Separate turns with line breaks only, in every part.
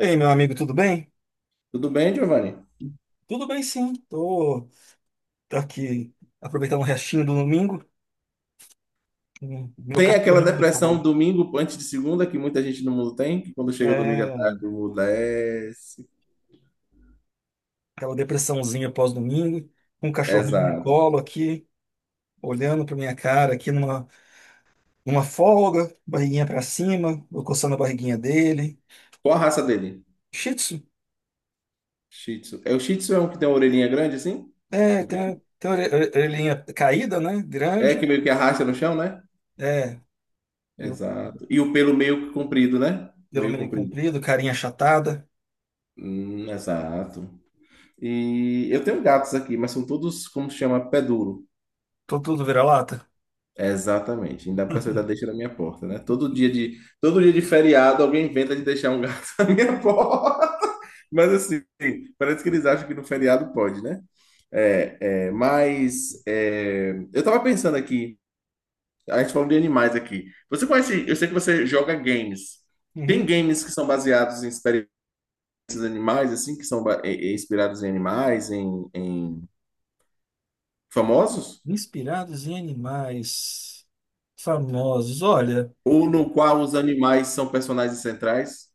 Ei, meu amigo, tudo bem?
Tudo bem, Giovanni?
Tudo bem, sim. Tô aqui aproveitando o restinho do domingo, meu
Tem aquela
cachorrinho,
depressão
Paulo.
domingo antes de segunda que muita gente no mundo tem, que quando chega o domingo à
É,
tarde, o mundo desce.
aquela depressãozinha pós-domingo, com um cachorrinho no
Exato.
colo aqui, olhando pra minha cara numa folga, barriguinha pra cima, eu coçando a barriguinha dele.
Qual a raça dele?
Shih Tzu,
Shih Tzu. É o Shih Tzu é um que tem uma orelhinha grande assim?
é,
Comprido?
tem orelhinha caída, né?
É
Grande,
que meio que arrasta no chão, né?
é, eu
Exato. E o pelo meio que comprido, né?
pelo
Meio
meio
comprido.
comprido, carinha achatada,
Exato. E eu tenho gatos aqui, mas são todos como se chama pé duro.
tô tudo vira-lata.
Exatamente. Ainda a pessoa ainda deixa na minha porta, né? Todo dia de feriado, alguém inventa de deixar um gato na minha porta. Mas assim, parece que eles acham que no feriado pode, né? É, é, mas é, eu tava pensando aqui, a gente falou de animais aqui. Você conhece, eu sei que você joga games. Tem
Uhum.
games que são baseados em experiências animais, assim, que são inspirados em animais, em, em famosos?
Inspirados em animais famosos.
Ou no qual os animais são personagens centrais?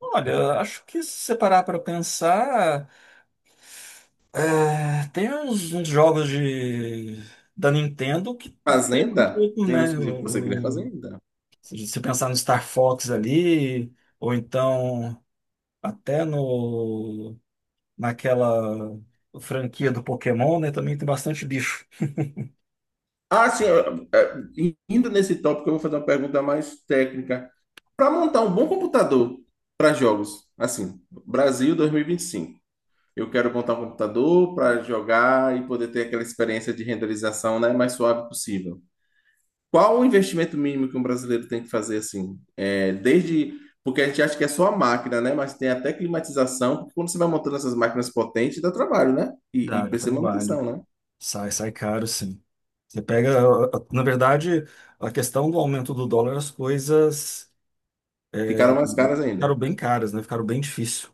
Olha, acho que se você parar para pensar, é, uns jogos de, da Nintendo que lembram um
Fazenda?
pouco,
Tem
né?
uns que você cria fazenda.
Se você pensar no Star Fox ali, ou então até no, naquela franquia do Pokémon, né? Também tem bastante bicho.
Ah, sim, indo nesse tópico, eu vou fazer uma pergunta mais técnica. Para montar um bom computador para jogos, assim, Brasil 2025. Eu quero montar um computador para jogar e poder ter aquela experiência de renderização, né, mais suave possível. Qual o investimento mínimo que um brasileiro tem que fazer assim? É, desde porque a gente acha que é só a máquina, né? Mas tem até climatização, porque quando você vai montando essas máquinas potentes, dá trabalho, né? E
Dá
precisa de
trabalho.
manutenção, né?
Sai caro, sim. Você pega, na verdade, a questão do aumento do dólar, as coisas
Ficaram mais caras
ficaram
ainda.
bem caras, né? Ficaram bem difícil.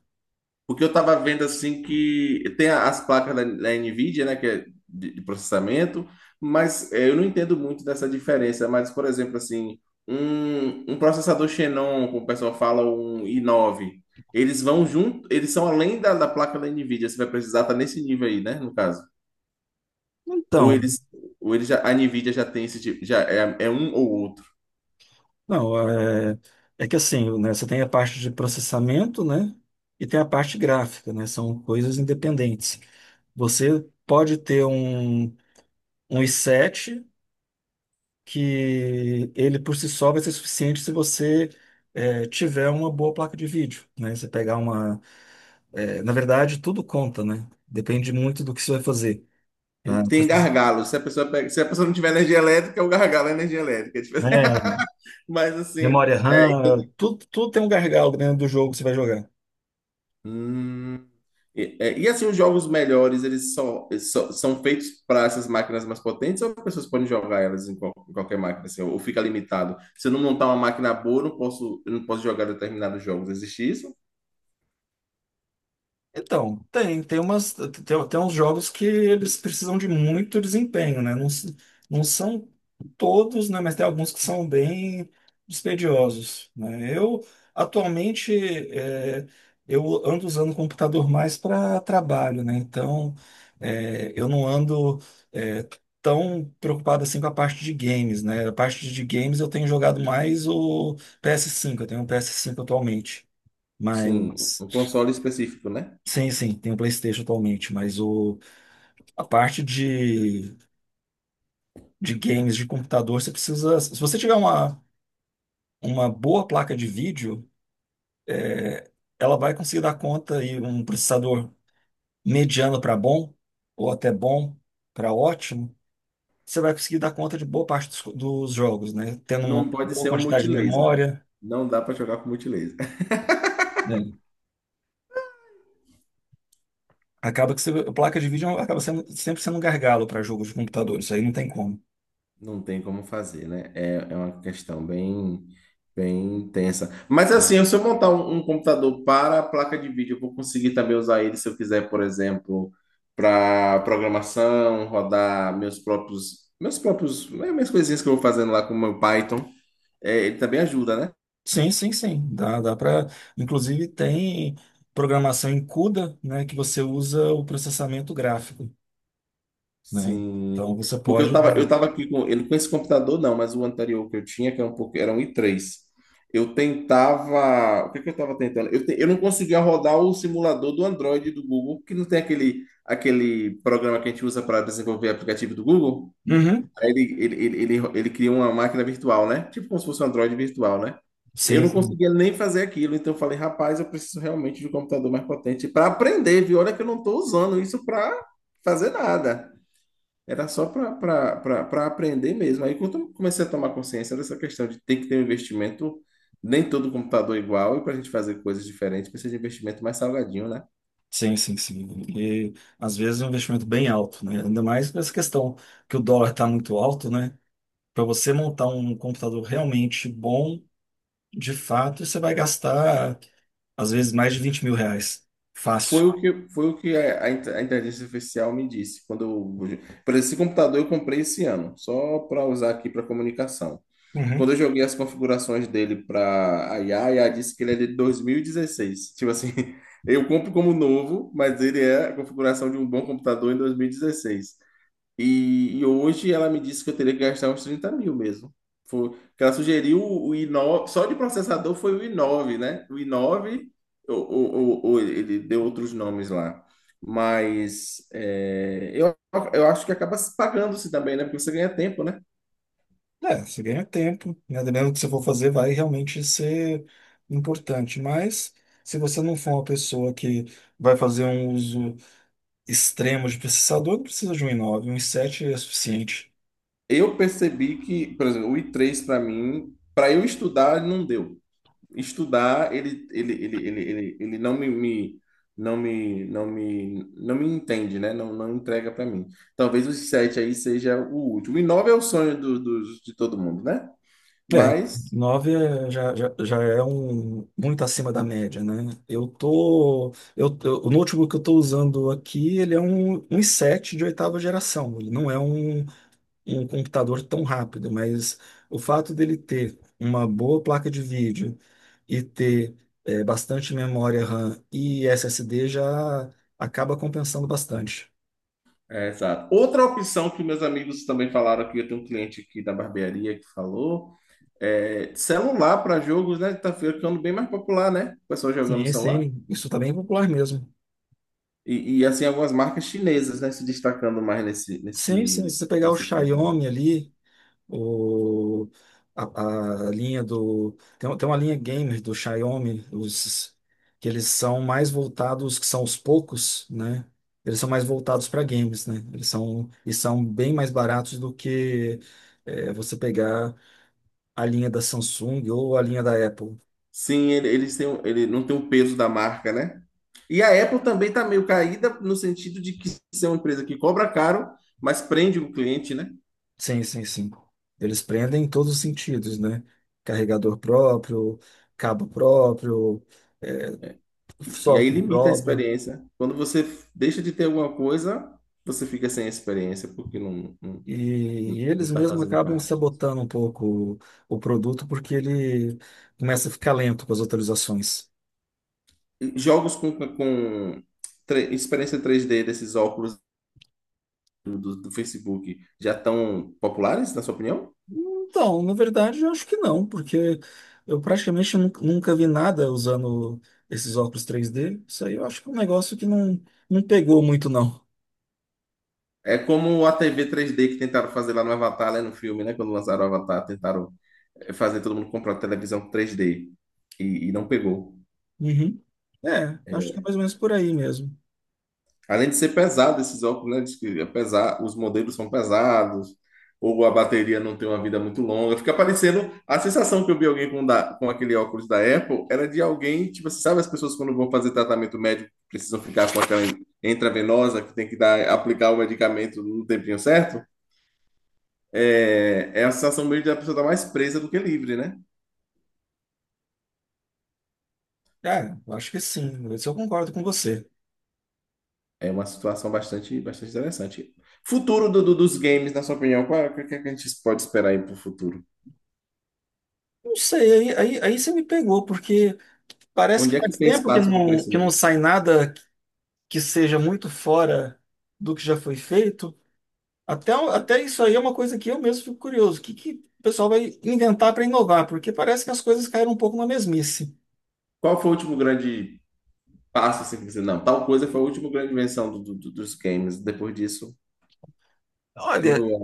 Porque eu tava vendo assim que tem a- as placas da Nvidia, né, que é de processamento, mas eu não entendo muito dessa diferença. Mas, por exemplo, assim, um processador Xenon, como o pessoal fala, um i9, eles vão junto, eles são além da placa da Nvidia, você vai precisar tá nesse nível aí, né, no caso. Ou
Então,
eles, ou eles já, a Nvidia já tem esse tipo, já é, é um ou outro.
não, é, é que assim, né? Você tem a parte de processamento, né? E tem a parte gráfica, né? São coisas independentes. Você pode ter um, um i7 que ele por si só vai ser suficiente se você tiver uma boa placa de vídeo, né? Você pegar uma, é, na verdade, tudo conta, né? Depende muito do que você vai fazer. Né?
Tem gargalo, se a pessoa pega- se a pessoa não tiver energia elétrica, é o gargalo é energia elétrica.
Né,
Mas assim.
memória RAM, tudo tem um gargalo dentro do jogo que você vai jogar.
hum, e, e, assim, os jogos melhores, eles só- são feitos para essas máquinas mais potentes ou as pessoas podem jogar elas em, qual- em qualquer máquina, assim, ou fica limitado? Se eu não montar uma máquina boa, eu não posso jogar determinados jogos. Existe isso?
Então, tem uns jogos que eles precisam de muito desempenho, né? Não, não são todos, né? Mas tem alguns que são bem dispendiosos, né? Eu, atualmente, é, eu ando usando o computador mais para trabalho, né? Então, eu não ando, é, tão preocupado assim com a parte de games, né? A parte de games eu tenho jogado mais o ps cinco, eu tenho um PS5 atualmente,
Sim,
mas...
um console específico, né?
Sim, sim, tem o PlayStation atualmente, mas a parte de games de computador, você precisa. Se você tiver uma boa placa de vídeo, ela vai conseguir dar conta e um processador mediano para bom, ou até bom para ótimo, você vai conseguir dar conta de boa parte dos jogos, né? Tendo uma
Não pode
boa
ser um
quantidade de
multilaser.
memória.
Não dá para jogar com multilaser.
Né? Acaba que você- a placa de vídeo acaba sendo, sempre sendo um gargalo para jogos de computador, isso aí não tem como.
Não tem como fazer, né? É, é uma questão bem, bem tensa. Mas assim, se eu montar um computador para a placa de vídeo, eu vou conseguir também usar ele se eu quiser, por exemplo, para programação, rodar meus próprios, né, minhas coisinhas que eu vou fazendo lá com o meu Python. É, ele também ajuda, né?
Sim, sim, sim. Dá para. Inclusive tem programação em CUDA, né, que você usa o processamento gráfico, né?
Sim.
Então você pode.
Eu tava aqui com ele com esse computador, não, mas o anterior que eu tinha, que era um pouco, era um i3. Eu tentava. O que é que eu tava tentando? Eu não conseguia rodar o simulador do Android do Google, que não tem aquele programa que a gente usa para desenvolver aplicativo do Google.
Uhum.
Aí ele cria uma máquina virtual, né? Tipo como se fosse um Android virtual, né? Eu
Sim,
não
sim,
conseguia nem fazer aquilo, então eu falei, rapaz, eu preciso realmente de um computador mais potente para aprender, viu? Olha que eu não estou usando isso para fazer nada. Era só para aprender mesmo. Aí quando eu comecei a tomar consciência dessa questão de ter que ter um investimento, nem todo computador é igual, e para a gente fazer coisas diferentes, precisa de investimento mais salgadinho, né?
sim. E às vezes é um investimento bem alto, né? Ainda mais com essa questão que o dólar está muito alto, né? Para você montar um computador realmente bom, de fato, você vai gastar às vezes mais de 20 mil reais. Fácil.
Foi o que a a inteligência artificial me disse. Quando eu, por exemplo, esse computador eu comprei esse ano, só para usar aqui para comunicação. Quando eu joguei as configurações dele para a IA, a IA disse que ele é de 2016. Tipo assim, eu compro como novo, mas ele é a configuração de um bom computador em 2016. E hoje ela me disse que eu teria que gastar uns 30.000 mesmo. Foi, que ela sugeriu o i9, só de processador foi o i9, né? O i9, ou, ou, ou ele deu outros nomes lá. Mas é, eu acho que acaba se pagando-se também, né? Porque você ganha tempo, né?
É, você ganha tempo, né? Dependendo do que você for fazer, vai realmente ser importante. Mas se você não for uma pessoa que vai fazer um uso extremo de processador, não precisa de um i9, um i7 é suficiente.
Eu percebi que, por exemplo, o i3 para mim, para eu estudar, não deu. Estudar, ele não não não não me entende, né? Não, não entrega para mim. Talvez os sete aí seja o último. E nove é o sonho de todo mundo, né?
É,
Mas,
9 é- já é um muito acima da média, né? Eu tô, o notebook que eu tô usando aqui, um i7 de oitava geração. Ele não é um um computador tão rápido, mas o fato dele ter uma boa placa de vídeo e ter bastante memória RAM e SSD já acaba compensando bastante.
é, exato. Outra opção que meus amigos também falaram aqui, eu tenho um cliente aqui da barbearia que falou, é celular para jogos, né? Tá ficando bem mais popular, né? O pessoal jogando no
Sim,
celular.
sim, isso tá bem popular mesmo.
E assim, algumas marcas chinesas, né? Se destacando mais
Sim, sim, se você pegar o
nesse campo.
Xiaomi ali, o, a linha do. Tem uma linha gamer do Xiaomi, os, que eles são mais voltados, que são os poucos, né? Eles são mais voltados para games, né? E são bem mais baratos do que você pegar a linha da Samsung ou a linha da Apple.
Sim, eles têm, um- ele não tem o peso da marca, né? E a Apple também está meio caída no sentido de que ser uma empresa que cobra caro, mas prende o cliente, né?
Sim, sim, sim. Eles prendem em todos os sentidos, né? Carregador próprio, cabo próprio,
E aí
software
limita a
próprio.
experiência. Quando você f- deixa de ter alguma coisa, você fica sem a experiência, porque
E
não
eles
está
mesmos
fazendo
acabam
parte disso.
sabotando um pouco o, o produto porque ele começa a ficar lento com as atualizações.
E jogos com tre- experiência 3D desses óculos do do Facebook já estão populares, na sua opinião?
Então, na verdade, eu acho que não, porque eu praticamente nunca vi nada usando esses óculos 3D. Isso aí eu acho que é um negócio que não, não pegou muito, não.
É como a TV 3D que tentaram fazer lá no Avatar, né, no filme, né? Quando lançaram o Avatar, tentaram fazer todo mundo comprar televisão 3D e não pegou.
Uhum. É, acho que é mais ou menos por aí mesmo.
Além de ser pesado esses óculos, né? Diz que é pesar, os modelos são pesados, ou a bateria não tem uma vida muito longa. Fica parecendo. A sensação que eu vi alguém com, da, com aquele óculos da Apple era de alguém, tipo, você sabe as pessoas quando vão fazer tratamento médico precisam ficar com aquela intravenosa que tem que dar, aplicar o medicamento no tempinho certo? É, é a sensação meio de a pessoa estar mais presa do que livre, né?
Ah, eu acho que sim. Isso eu concordo com você.
É uma situação bastante, bastante interessante. Futuro dos games, na sua opinião, qual é- o que, que a gente pode esperar aí para o futuro?
Não sei, aí você me pegou, porque parece
Onde
que
é que
faz
tem
tempo que
espaço de
que não
crescimento?
sai nada que seja muito fora do que já foi feito, até isso aí é uma coisa que eu mesmo fico curioso. O que, que o pessoal vai inventar para inovar? Porque parece que as coisas caíram um pouco na mesmice.
Qual foi o último grande passo assim, que você, não, tal coisa foi a última grande invenção dos games. Depois disso,
Olha,
tudo é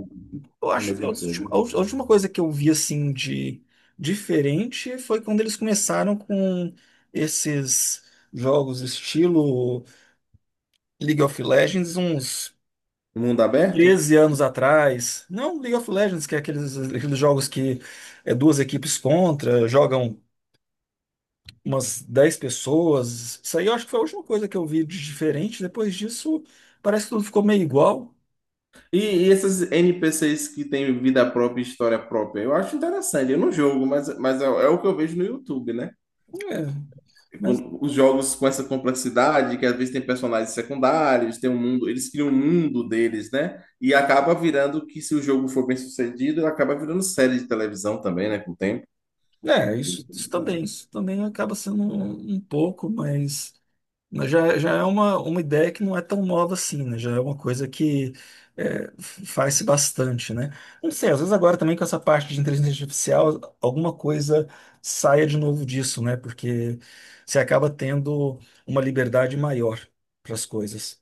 eu
a
acho que
mesma coisa.
a última coisa que eu vi assim de diferente foi quando eles começaram com esses jogos estilo League of Legends, uns
Mundo aberto?
13 anos atrás. Não League of Legends, que é aqueles jogos que é duas equipes contra, jogam umas 10 pessoas. Isso aí eu acho que foi a última coisa que eu vi de diferente. Depois disso, parece que tudo ficou meio igual.
E, e esses NPCs que têm vida própria e história própria? Eu acho interessante. Eu não jogo, mas é, é o que eu vejo no YouTube, né?
É, mas
Com- os jogos com essa complexidade, que às vezes tem personagens secundários, tem um mundo, eles criam um mundo deles, né? E acaba virando que se o jogo for bem sucedido, acaba virando série de televisão também, né? Com o tempo.
é, isso também acaba sendo um pouco, mas já é uma ideia que não é tão nova assim, né? Já é uma coisa que é, faz-se bastante, né? Não sei, às vezes agora também com essa parte de inteligência artificial, alguma coisa saia de novo disso, né? Porque você acaba tendo uma liberdade maior para as coisas.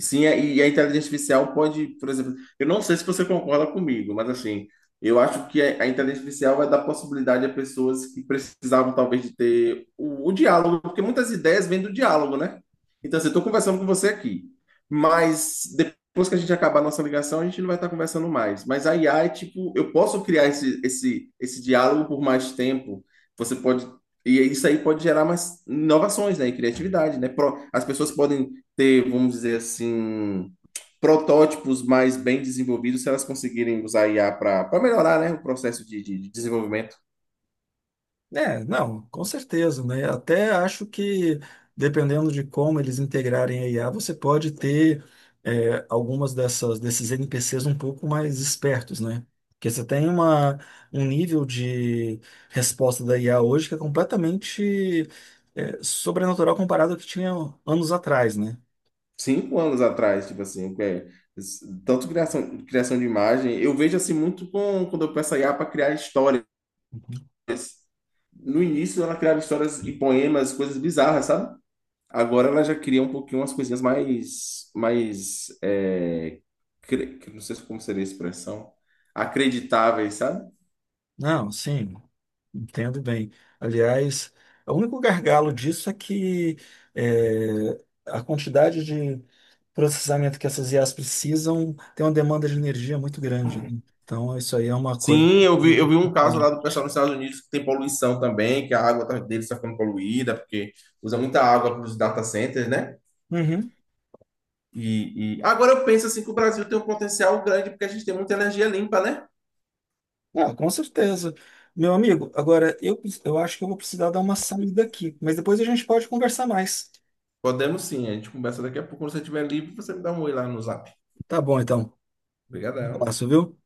Sim, e a inteligência artificial pode, por exemplo, eu não sei se você concorda comigo, mas assim, eu acho que a inteligência artificial vai dar possibilidade a pessoas que precisavam talvez de ter o diálogo, porque muitas ideias vêm do diálogo, né? Então, assim, eu estou conversando com você aqui, mas depois que a gente acabar a nossa ligação, a gente não vai estar conversando mais. Mas a IA é tipo, eu posso criar esse diálogo por mais tempo, você pode. E isso aí pode gerar mais inovações, né, e criatividade, né? Pro- as pessoas podem ter, vamos dizer assim, protótipos mais bem desenvolvidos se elas conseguirem usar IA para melhorar, né, o processo de, de desenvolvimento.
É, não, com certeza, né? Até acho que, dependendo de como eles integrarem a IA, você pode ter algumas dessas, desses NPCs um pouco mais espertos, né? Porque você tem um nível de resposta da IA hoje que é completamente sobrenatural comparado ao que tinha anos atrás, né?
5 anos atrás, tipo assim, que é, tanto criação, criação de imagem, eu vejo assim muito com, quando eu peço a IA para criar histórias. No início ela criava histórias e poemas, coisas bizarras, sabe? Agora ela já cria um pouquinho umas coisinhas mais, mais, é, cre- não sei como seria a expressão, acreditáveis, sabe?
Não, sim. Entendo bem. Aliás, o único gargalo disso é que é, a quantidade de processamento que essas IAs precisam tem uma demanda de energia muito grande. Né? Então, isso aí é uma coisa.
Sim, eu vi um caso lá do pessoal nos Estados Unidos que tem poluição também, que a água tá- deles está ficando poluída, porque usa muita água para os data centers, né?
Uhum.
E- agora eu penso assim que o Brasil tem um potencial grande porque a gente tem muita energia limpa, né?
Ah, com certeza. Meu amigo, agora eu acho que eu vou precisar dar uma saída aqui, mas depois a gente pode conversar mais.
Podemos sim, a gente conversa daqui a pouco. Quando você estiver livre, você me dá um oi lá no Zap.
Tá bom, então. Um
Obrigadão.
abraço, viu?